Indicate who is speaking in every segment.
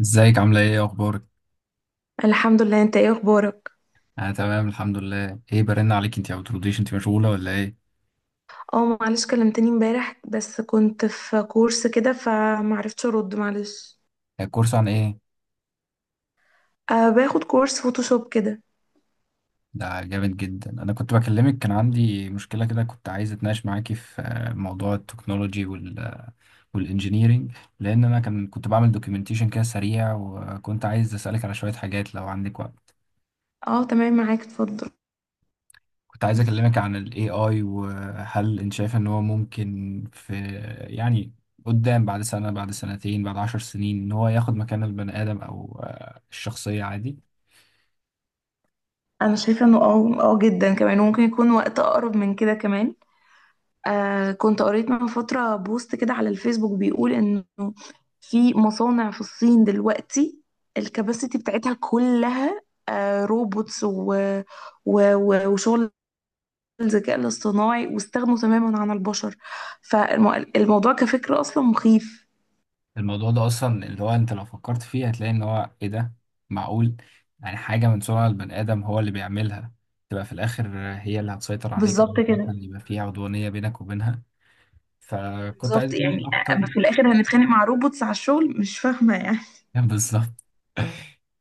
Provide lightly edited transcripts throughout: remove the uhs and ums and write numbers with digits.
Speaker 1: ازيك عاملة ايه اخبارك؟
Speaker 2: الحمد لله، انت ايه اخبارك؟
Speaker 1: انا تمام الحمد لله، ايه برن عليك؟ انت ما بترديش، انت مشغولة ولا ايه؟
Speaker 2: اه معلش، كلمتني امبارح بس كنت في كورس كده فمعرفتش ارد، معلش.
Speaker 1: الكورس عن ايه؟
Speaker 2: أه باخد كورس فوتوشوب كده.
Speaker 1: ده جامد جدا. انا كنت بكلمك، كان عندي مشكلة كده، كنت عايز اتناقش معاكي في موضوع التكنولوجي والانجينيرينج، لان انا كنت بعمل دوكيومنتيشن كده سريع وكنت عايز اسألك على شوية حاجات لو عندك وقت.
Speaker 2: اه تمام، معاك، اتفضل.
Speaker 1: كنت عايز اكلمك عن ال AI، وهل انت شايف ان هو ممكن في، يعني، قدام، بعد سنة، بعد سنتين، بعد 10 سنين، ان هو ياخد مكان البني ادم او الشخصية عادي.
Speaker 2: انا شايفه انه اه جدا كمان، وممكن يكون وقت اقرب من كده كمان. أه كنت قريت من فتره بوست كده على الفيسبوك بيقول انه في مصانع في الصين دلوقتي الكباسيتي بتاعتها كلها أه روبوتس وشغل الذكاء الاصطناعي، واستغنوا تماما عن البشر. فالموضوع كفكرة أصلا مخيف.
Speaker 1: الموضوع ده اصلا اللي هو انت لو فكرت فيه هتلاقي ان هو ايه ده، معقول يعني حاجة من صنع البني ادم هو اللي بيعملها تبقى في الاخر هي اللي هتسيطر عليك او
Speaker 2: بالظبط كده.
Speaker 1: مثلا يبقى فيها عدوانية بينك وبينها؟ فكنت عايز
Speaker 2: بالظبط،
Speaker 1: اتناقش
Speaker 2: يعني
Speaker 1: اكتر.
Speaker 2: أما في الآخر هنتخانق مع روبوتس على الشغل، مش فاهمة يعني.
Speaker 1: بالظبط.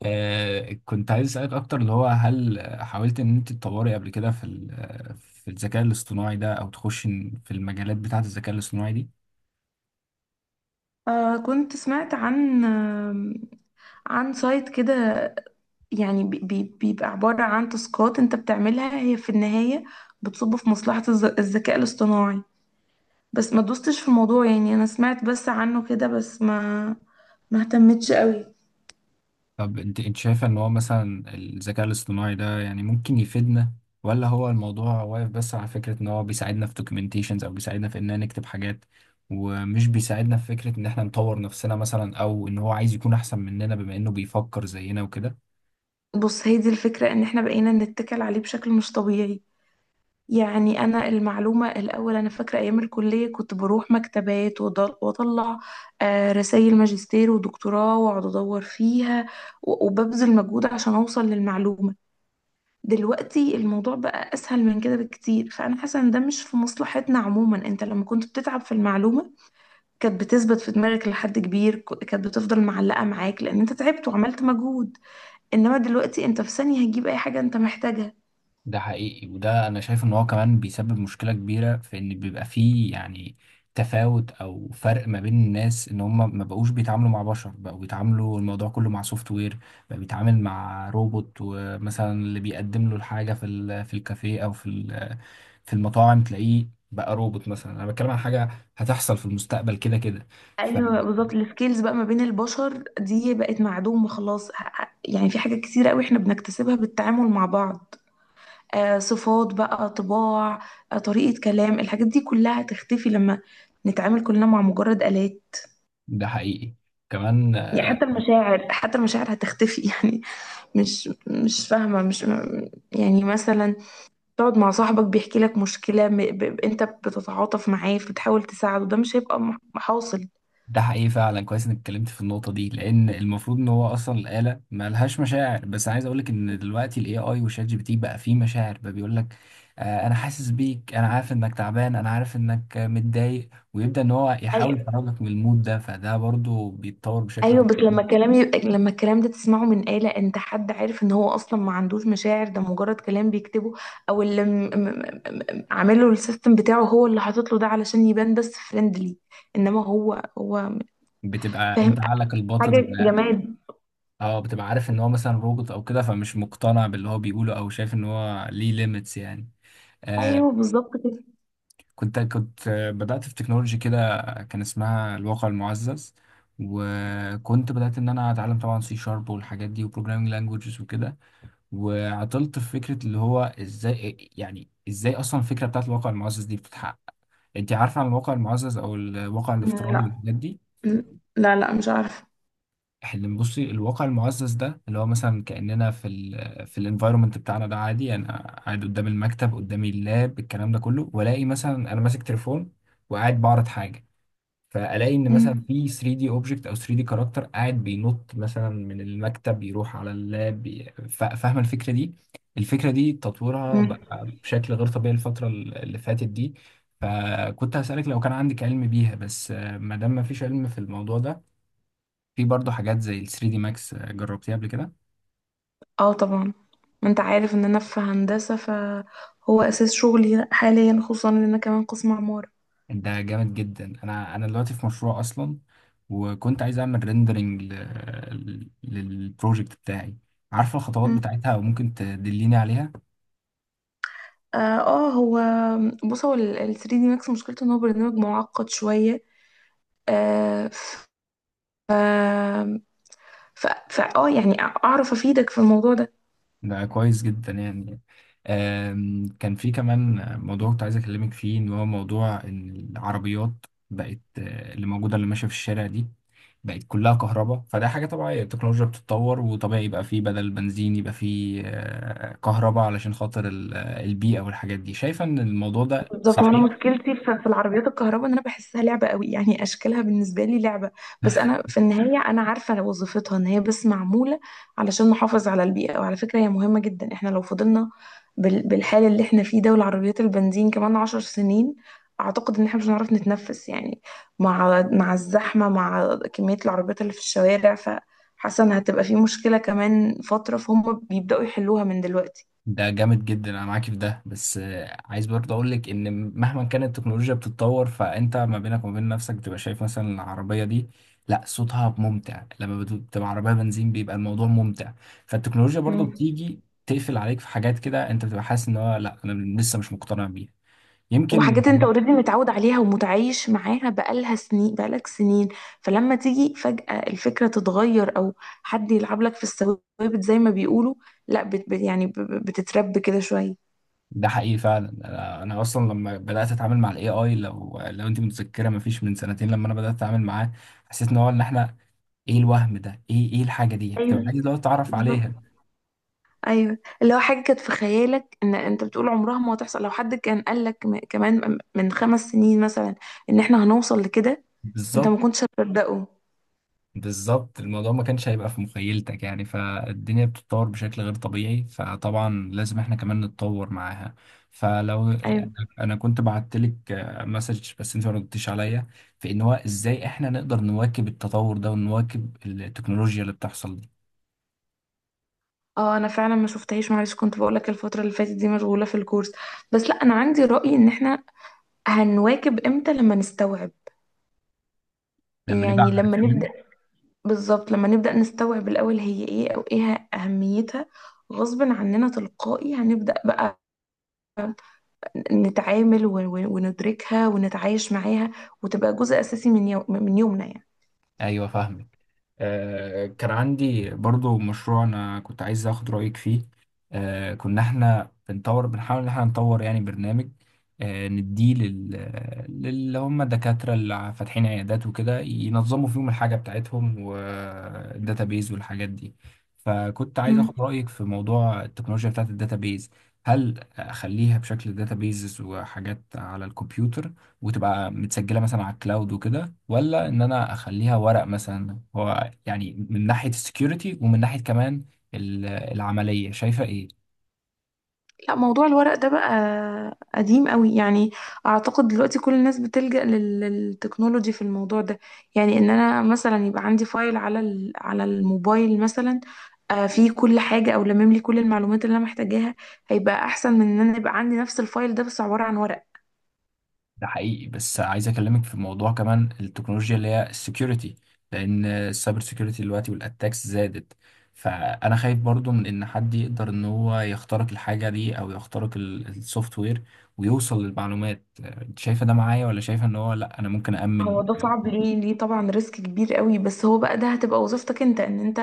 Speaker 1: كنت عايز أسألك أكتر، اللي هو هل حاولت إن أنت تطوري قبل كده في في الذكاء الاصطناعي ده، أو تخش في المجالات بتاعة الذكاء الاصطناعي دي؟
Speaker 2: آه كنت سمعت عن عن سايت كده، يعني بيبقى عبارة عن تاسكات انت بتعملها هي في النهاية بتصب في مصلحة الذكاء الاصطناعي، بس ما دوستش في الموضوع، يعني أنا سمعت بس عنه كده، بس ما اهتمتش قوي.
Speaker 1: طب أنت شايفة إن هو مثلا الذكاء الاصطناعي ده يعني ممكن يفيدنا، ولا هو الموضوع واقف بس على فكرة إن هو بيساعدنا في دوكيومنتيشنز أو بيساعدنا في إننا نكتب حاجات، ومش بيساعدنا في فكرة إن إحنا نطور نفسنا مثلا، أو إن هو عايز يكون أحسن مننا بما إنه بيفكر زينا وكده؟
Speaker 2: بص، هي دي الفكرة، ان احنا بقينا نتكل عليه بشكل مش طبيعي. يعني انا المعلومة الاول، انا فاكرة ايام الكلية كنت بروح مكتبات واطلع رسائل ماجستير ودكتوراه، واقعد ادور فيها، وببذل مجهود عشان اوصل للمعلومة. دلوقتي الموضوع بقى اسهل من كده بكتير، فانا حاسة ان ده مش في مصلحتنا عموما. انت لما كنت بتتعب في المعلومة كانت بتثبت في دماغك لحد كبير، كانت بتفضل معلقة معاك لان انت تعبت وعملت مجهود. انما دلوقتي انت في ثانية هتجيب اي حاجة انت محتاجها.
Speaker 1: ده حقيقي، وده انا شايف ان هو كمان بيسبب مشكلة كبيرة في ان بيبقى فيه، يعني، تفاوت او فرق ما بين الناس، ان هم ما بقوش بيتعاملوا مع بشر، بقوا بيتعاملوا الموضوع كله مع سوفت وير، بقى بيتعامل مع روبوت. ومثلا اللي بيقدم له الحاجة في الكافيه في المطاعم تلاقيه بقى روبوت مثلا. انا بتكلم عن حاجة هتحصل في المستقبل كده كده،
Speaker 2: ايوه
Speaker 1: فده
Speaker 2: بالظبط، السكيلز بقى ما بين البشر دي بقت معدومة خلاص. يعني في حاجات كتيرة قوي احنا بنكتسبها بالتعامل مع بعض. آه صفات بقى، طباع، آه طريقة كلام، الحاجات دي كلها هتختفي لما نتعامل كلنا مع مجرد آلات.
Speaker 1: حقيقي كمان.
Speaker 2: يعني حتى المشاعر، حتى المشاعر هتختفي يعني مش فاهمة. مش يعني مثلا تقعد مع صاحبك بيحكي لك مشكلة، انت بتتعاطف معاه، بتحاول تساعده، ده مش هيبقى حاصل.
Speaker 1: ده حقيقي فعلا، كويس انك اتكلمت في النقطة دي، لأن المفروض إن هو أصلا الآلة مالهاش مشاعر. بس عايز أقولك إن دلوقتي ال AI وشات جي بي تي بقى فيه مشاعر، بقى بيقولك آه أنا حاسس بيك، أنا عارف إنك تعبان، أنا عارف إنك متضايق، ويبدأ إن هو يحاول يخرجك من المود ده، فده برضو بيتطور بشكل
Speaker 2: ايوه، بس لما الكلام يبقى، لما الكلام ده تسمعه من آلة، انت حد عارف ان هو اصلا ما عندوش مشاعر، ده مجرد كلام بيكتبه او اللي م... م... عامله السيستم بتاعه هو اللي حاطط له ده علشان يبان بس فريندلي، انما هو
Speaker 1: بتبقى
Speaker 2: فاهم،
Speaker 1: أنت عقلك الباطن.
Speaker 2: حاجة جماد.
Speaker 1: أه بتبقى عارف إن هو مثلا روبوت أو كده، فمش مقتنع باللي هو بيقوله، أو شايف إن هو ليه ليميتس يعني. آه،
Speaker 2: ايوه بالظبط كده.
Speaker 1: كنت بدأت في تكنولوجي كده، كان اسمها الواقع المعزز، وكنت بدأت إن أنا أتعلم طبعا سي شارب والحاجات دي وبروجرامينج لانجوجز وكده، وعطلت في فكرة اللي هو إزاي، يعني إزاي أصلا الفكرة بتاعت الواقع المعزز دي بتتحقق. أنت عارفة عن الواقع المعزز أو الواقع الافتراضي
Speaker 2: لا.
Speaker 1: والحاجات دي؟
Speaker 2: لا مش عارفة.
Speaker 1: اللي بصي، الواقع المعزز ده اللي هو مثلا كأننا في في الانفايرمنت بتاعنا ده عادي، يعني أنا قاعد قدام المكتب، قدامي اللاب، الكلام ده كله، وألاقي مثلا أنا ماسك تليفون وقاعد بعرض حاجة، فالاقي ان مثلا
Speaker 2: مم.
Speaker 1: في 3 دي اوبجكت او 3 دي كاركتر قاعد بينط مثلا من المكتب يروح على اللاب، فاهمه الفكره دي؟ الفكره دي تطورها
Speaker 2: مم.
Speaker 1: بقى بشكل غير طبيعي الفتره اللي فاتت دي. فكنت هسالك لو كان عندك علم بيها، بس ما دام ما فيش علم في الموضوع ده، في برضه حاجات زي ال 3 دي ماكس، جربتيها قبل كده؟
Speaker 2: اه طبعا، ما انت عارف ان انا في هندسة، فهو اساس شغلي حاليا، خصوصا ان انا كمان قسم عمارة.
Speaker 1: ده جامد جدا. انا دلوقتي في مشروع اصلا، وكنت عايز اعمل ريندرنج للبروجكت بتاعي. عارفه الخطوات بتاعتها وممكن تدليني عليها؟
Speaker 2: اه آه، هو بص، هو ال 3 دي ماكس مشكلته ان هو برنامج معقد شوية. آه ف اه يعني اعرف افيدك في الموضوع ده.
Speaker 1: ده كويس جدا يعني. كان في كمان موضوع كنت عايز اكلمك فيه، ان هو موضوع ان العربيات بقت، اللي موجوده اللي ماشيه في الشارع دي، بقت كلها كهرباء. فده حاجه طبيعيه، التكنولوجيا بتتطور، وطبيعي يبقى فيه بدل بنزين يبقى فيه كهرباء علشان خاطر البيئه والحاجات دي. شايفه ان الموضوع ده
Speaker 2: بالظبط. وانا
Speaker 1: صحيح؟
Speaker 2: مشكلتي في العربيات الكهرباء ان انا بحسها لعبه قوي، يعني اشكالها بالنسبه لي لعبه. بس انا في النهايه انا عارفه وظيفتها، ان هي بس معموله علشان نحافظ على البيئه، وعلى فكره هي مهمه جدا. احنا لو فضلنا بالحال اللي احنا فيه ده والعربيات البنزين، كمان عشر سنين اعتقد ان احنا مش هنعرف نتنفس يعني. مع الزحمه، مع كميه العربيات اللي في الشوارع، فحاسه ان هتبقى في مشكله كمان فتره، فهم بيبداوا يحلوها من دلوقتي.
Speaker 1: ده جامد جدا، انا معاك في ده، بس عايز برضه اقول لك ان مهما كانت التكنولوجيا بتتطور، فانت ما بينك وما بين نفسك بتبقى شايف مثلا العربيه دي، لا، صوتها ممتع لما بتبقى عربيه بنزين بيبقى الموضوع ممتع. فالتكنولوجيا برضه
Speaker 2: مم.
Speaker 1: بتيجي تقفل عليك في حاجات كده، انت بتبقى حاسس ان هو لا، انا لسه مش مقتنع بيها يمكن.
Speaker 2: وحاجات انت اوريدي متعود عليها ومتعايش معاها بقالها سنين، بقالك سنين، فلما تيجي فجأة الفكرة تتغير، او حد يلعب لك في الثوابت زي ما بيقولوا، لا يعني بتترب كده شوية.
Speaker 1: ده حقيقي فعلا. أنا اصلا لما بدات اتعامل مع الاي اي، لو انت متذكره ما فيش من سنتين لما انا بدات اتعامل معاه، حسيت ان هو ان احنا، ايه الوهم ده، ايه الحاجه دي، بتبقى
Speaker 2: ايوه
Speaker 1: عايز لو تعرف
Speaker 2: بالظبط.
Speaker 1: عليها.
Speaker 2: ايوه، اللي هو حاجة كانت في خيالك ان انت بتقول عمرها ما هتحصل، لو حد كان قال لك كمان من خمس سنين مثلا ان احنا هنوصل لكده، انت ما
Speaker 1: بالظبط.
Speaker 2: كنتش هتصدقه.
Speaker 1: بالظبط، الموضوع ما كانش هيبقى في مخيلتك يعني، فالدنيا بتتطور بشكل غير طبيعي، فطبعا لازم احنا كمان نتطور معاها. فلو
Speaker 2: ايوه.
Speaker 1: يعني، انا كنت بعت لك مسج بس انت ما ردتيش عليا في ان هو ازاي احنا نقدر نواكب التطور ده ونواكب التكنولوجيا اللي بتحصل دي.
Speaker 2: اه انا فعلا ما شفتهاش، معلش كنت بقول لك الفتره اللي فاتت دي مشغوله في الكورس. بس لا، انا عندي راي، ان احنا هنواكب امتى؟ لما نستوعب،
Speaker 1: لما نبقى
Speaker 2: يعني لما نبدأ.
Speaker 1: عارفين.
Speaker 2: بالظبط، لما نبدأ نستوعب الأول هي ايه أو ايه أهميتها، غصب عننا تلقائي هنبدأ بقى نتعامل، وندركها، ونتعايش معاها، وتبقى جزء أساسي من من يومنا يعني.
Speaker 1: ايوه فاهمك. كان عندي برضو مشروع انا كنت عايز اخد رأيك فيه. كنا احنا بنطور، بنحاول ان احنا نطور يعني برنامج، نديه للي هم الدكاترة اللي فاتحين عيادات وكده، ينظموا فيهم الحاجة بتاعتهم والداتابيز والحاجات دي. فكنت عايز اخد رأيك في موضوع التكنولوجيا بتاعت الداتابيز، هل اخليها بشكل داتابيز وحاجات على الكمبيوتر وتبقى متسجلة مثلا على الكلاود وكده، ولا ان انا اخليها ورق مثلا؟ هو يعني من ناحية السكيورتي ومن ناحية كمان العملية شايفة ايه؟
Speaker 2: لا موضوع الورق ده بقى قديم قوي يعني. اعتقد دلوقتي كل الناس بتلجأ للتكنولوجي في الموضوع ده. يعني ان انا مثلا يبقى عندي فايل على على الموبايل مثلا، آه، فيه كل حاجة او لمم لي كل المعلومات اللي انا محتاجاها، هيبقى احسن من ان انا يبقى عندي نفس الفايل ده بس عبارة عن ورق.
Speaker 1: ده حقيقي، بس عايز اكلمك في موضوع كمان، التكنولوجيا اللي هي السكيورتي. لان السايبر سكيورتي دلوقتي والاتاكس زادت، فانا خايف برضو من ان حد يقدر ان هو يخترق الحاجة دي او يخترق السوفت وير ويوصل للمعلومات. أنت شايفة ده معايا ولا شايفة ان هو لا، انا ممكن
Speaker 2: هو
Speaker 1: أأمن؟
Speaker 2: ده صعب، ليه طبعا، ريسك كبير قوي، بس هو بقى ده هتبقى وظيفتك انت، ان انت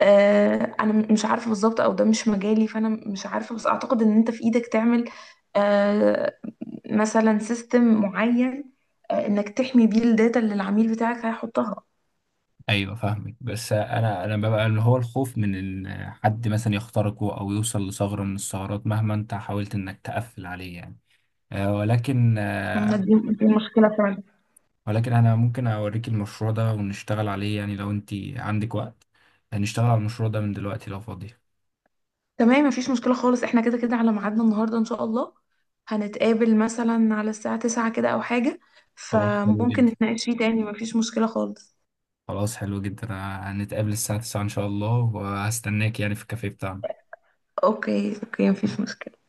Speaker 2: آه، انا مش عارفه بالظبط، او ده مش مجالي، فانا مش عارفه، بس اعتقد ان انت في ايدك تعمل آه، مثلا سيستم معين، آه، انك تحمي بيه الداتا اللي العميل بتاعك هيحطها.
Speaker 1: ايوه فاهمك، بس انا ببقى اللي هو الخوف من ان حد مثلا يخترقه او يوصل لثغره من الثغرات مهما انت حاولت انك تقفل عليه يعني، آه، ولكن آه،
Speaker 2: دي دي مشكله فعلا.
Speaker 1: ولكن انا ممكن اوريك المشروع ده ونشتغل عليه يعني لو انت عندك وقت. هنشتغل على المشروع ده من دلوقتي لو فاضية.
Speaker 2: تمام، مفيش مشكله خالص، احنا كده كده على ميعادنا النهارده ان شاء الله، هنتقابل مثلا على الساعه 9 كده او حاجه،
Speaker 1: خلاص حلو
Speaker 2: فممكن
Speaker 1: جدا.
Speaker 2: نتناقش فيه تاني، مفيش مشكله خالص.
Speaker 1: خلاص حلو جدا، هنتقابل الساعة 9 ان شاء الله، وهستناك يعني في الكافيه بتاعنا.
Speaker 2: اوكي اوكي، مفيش مشكله.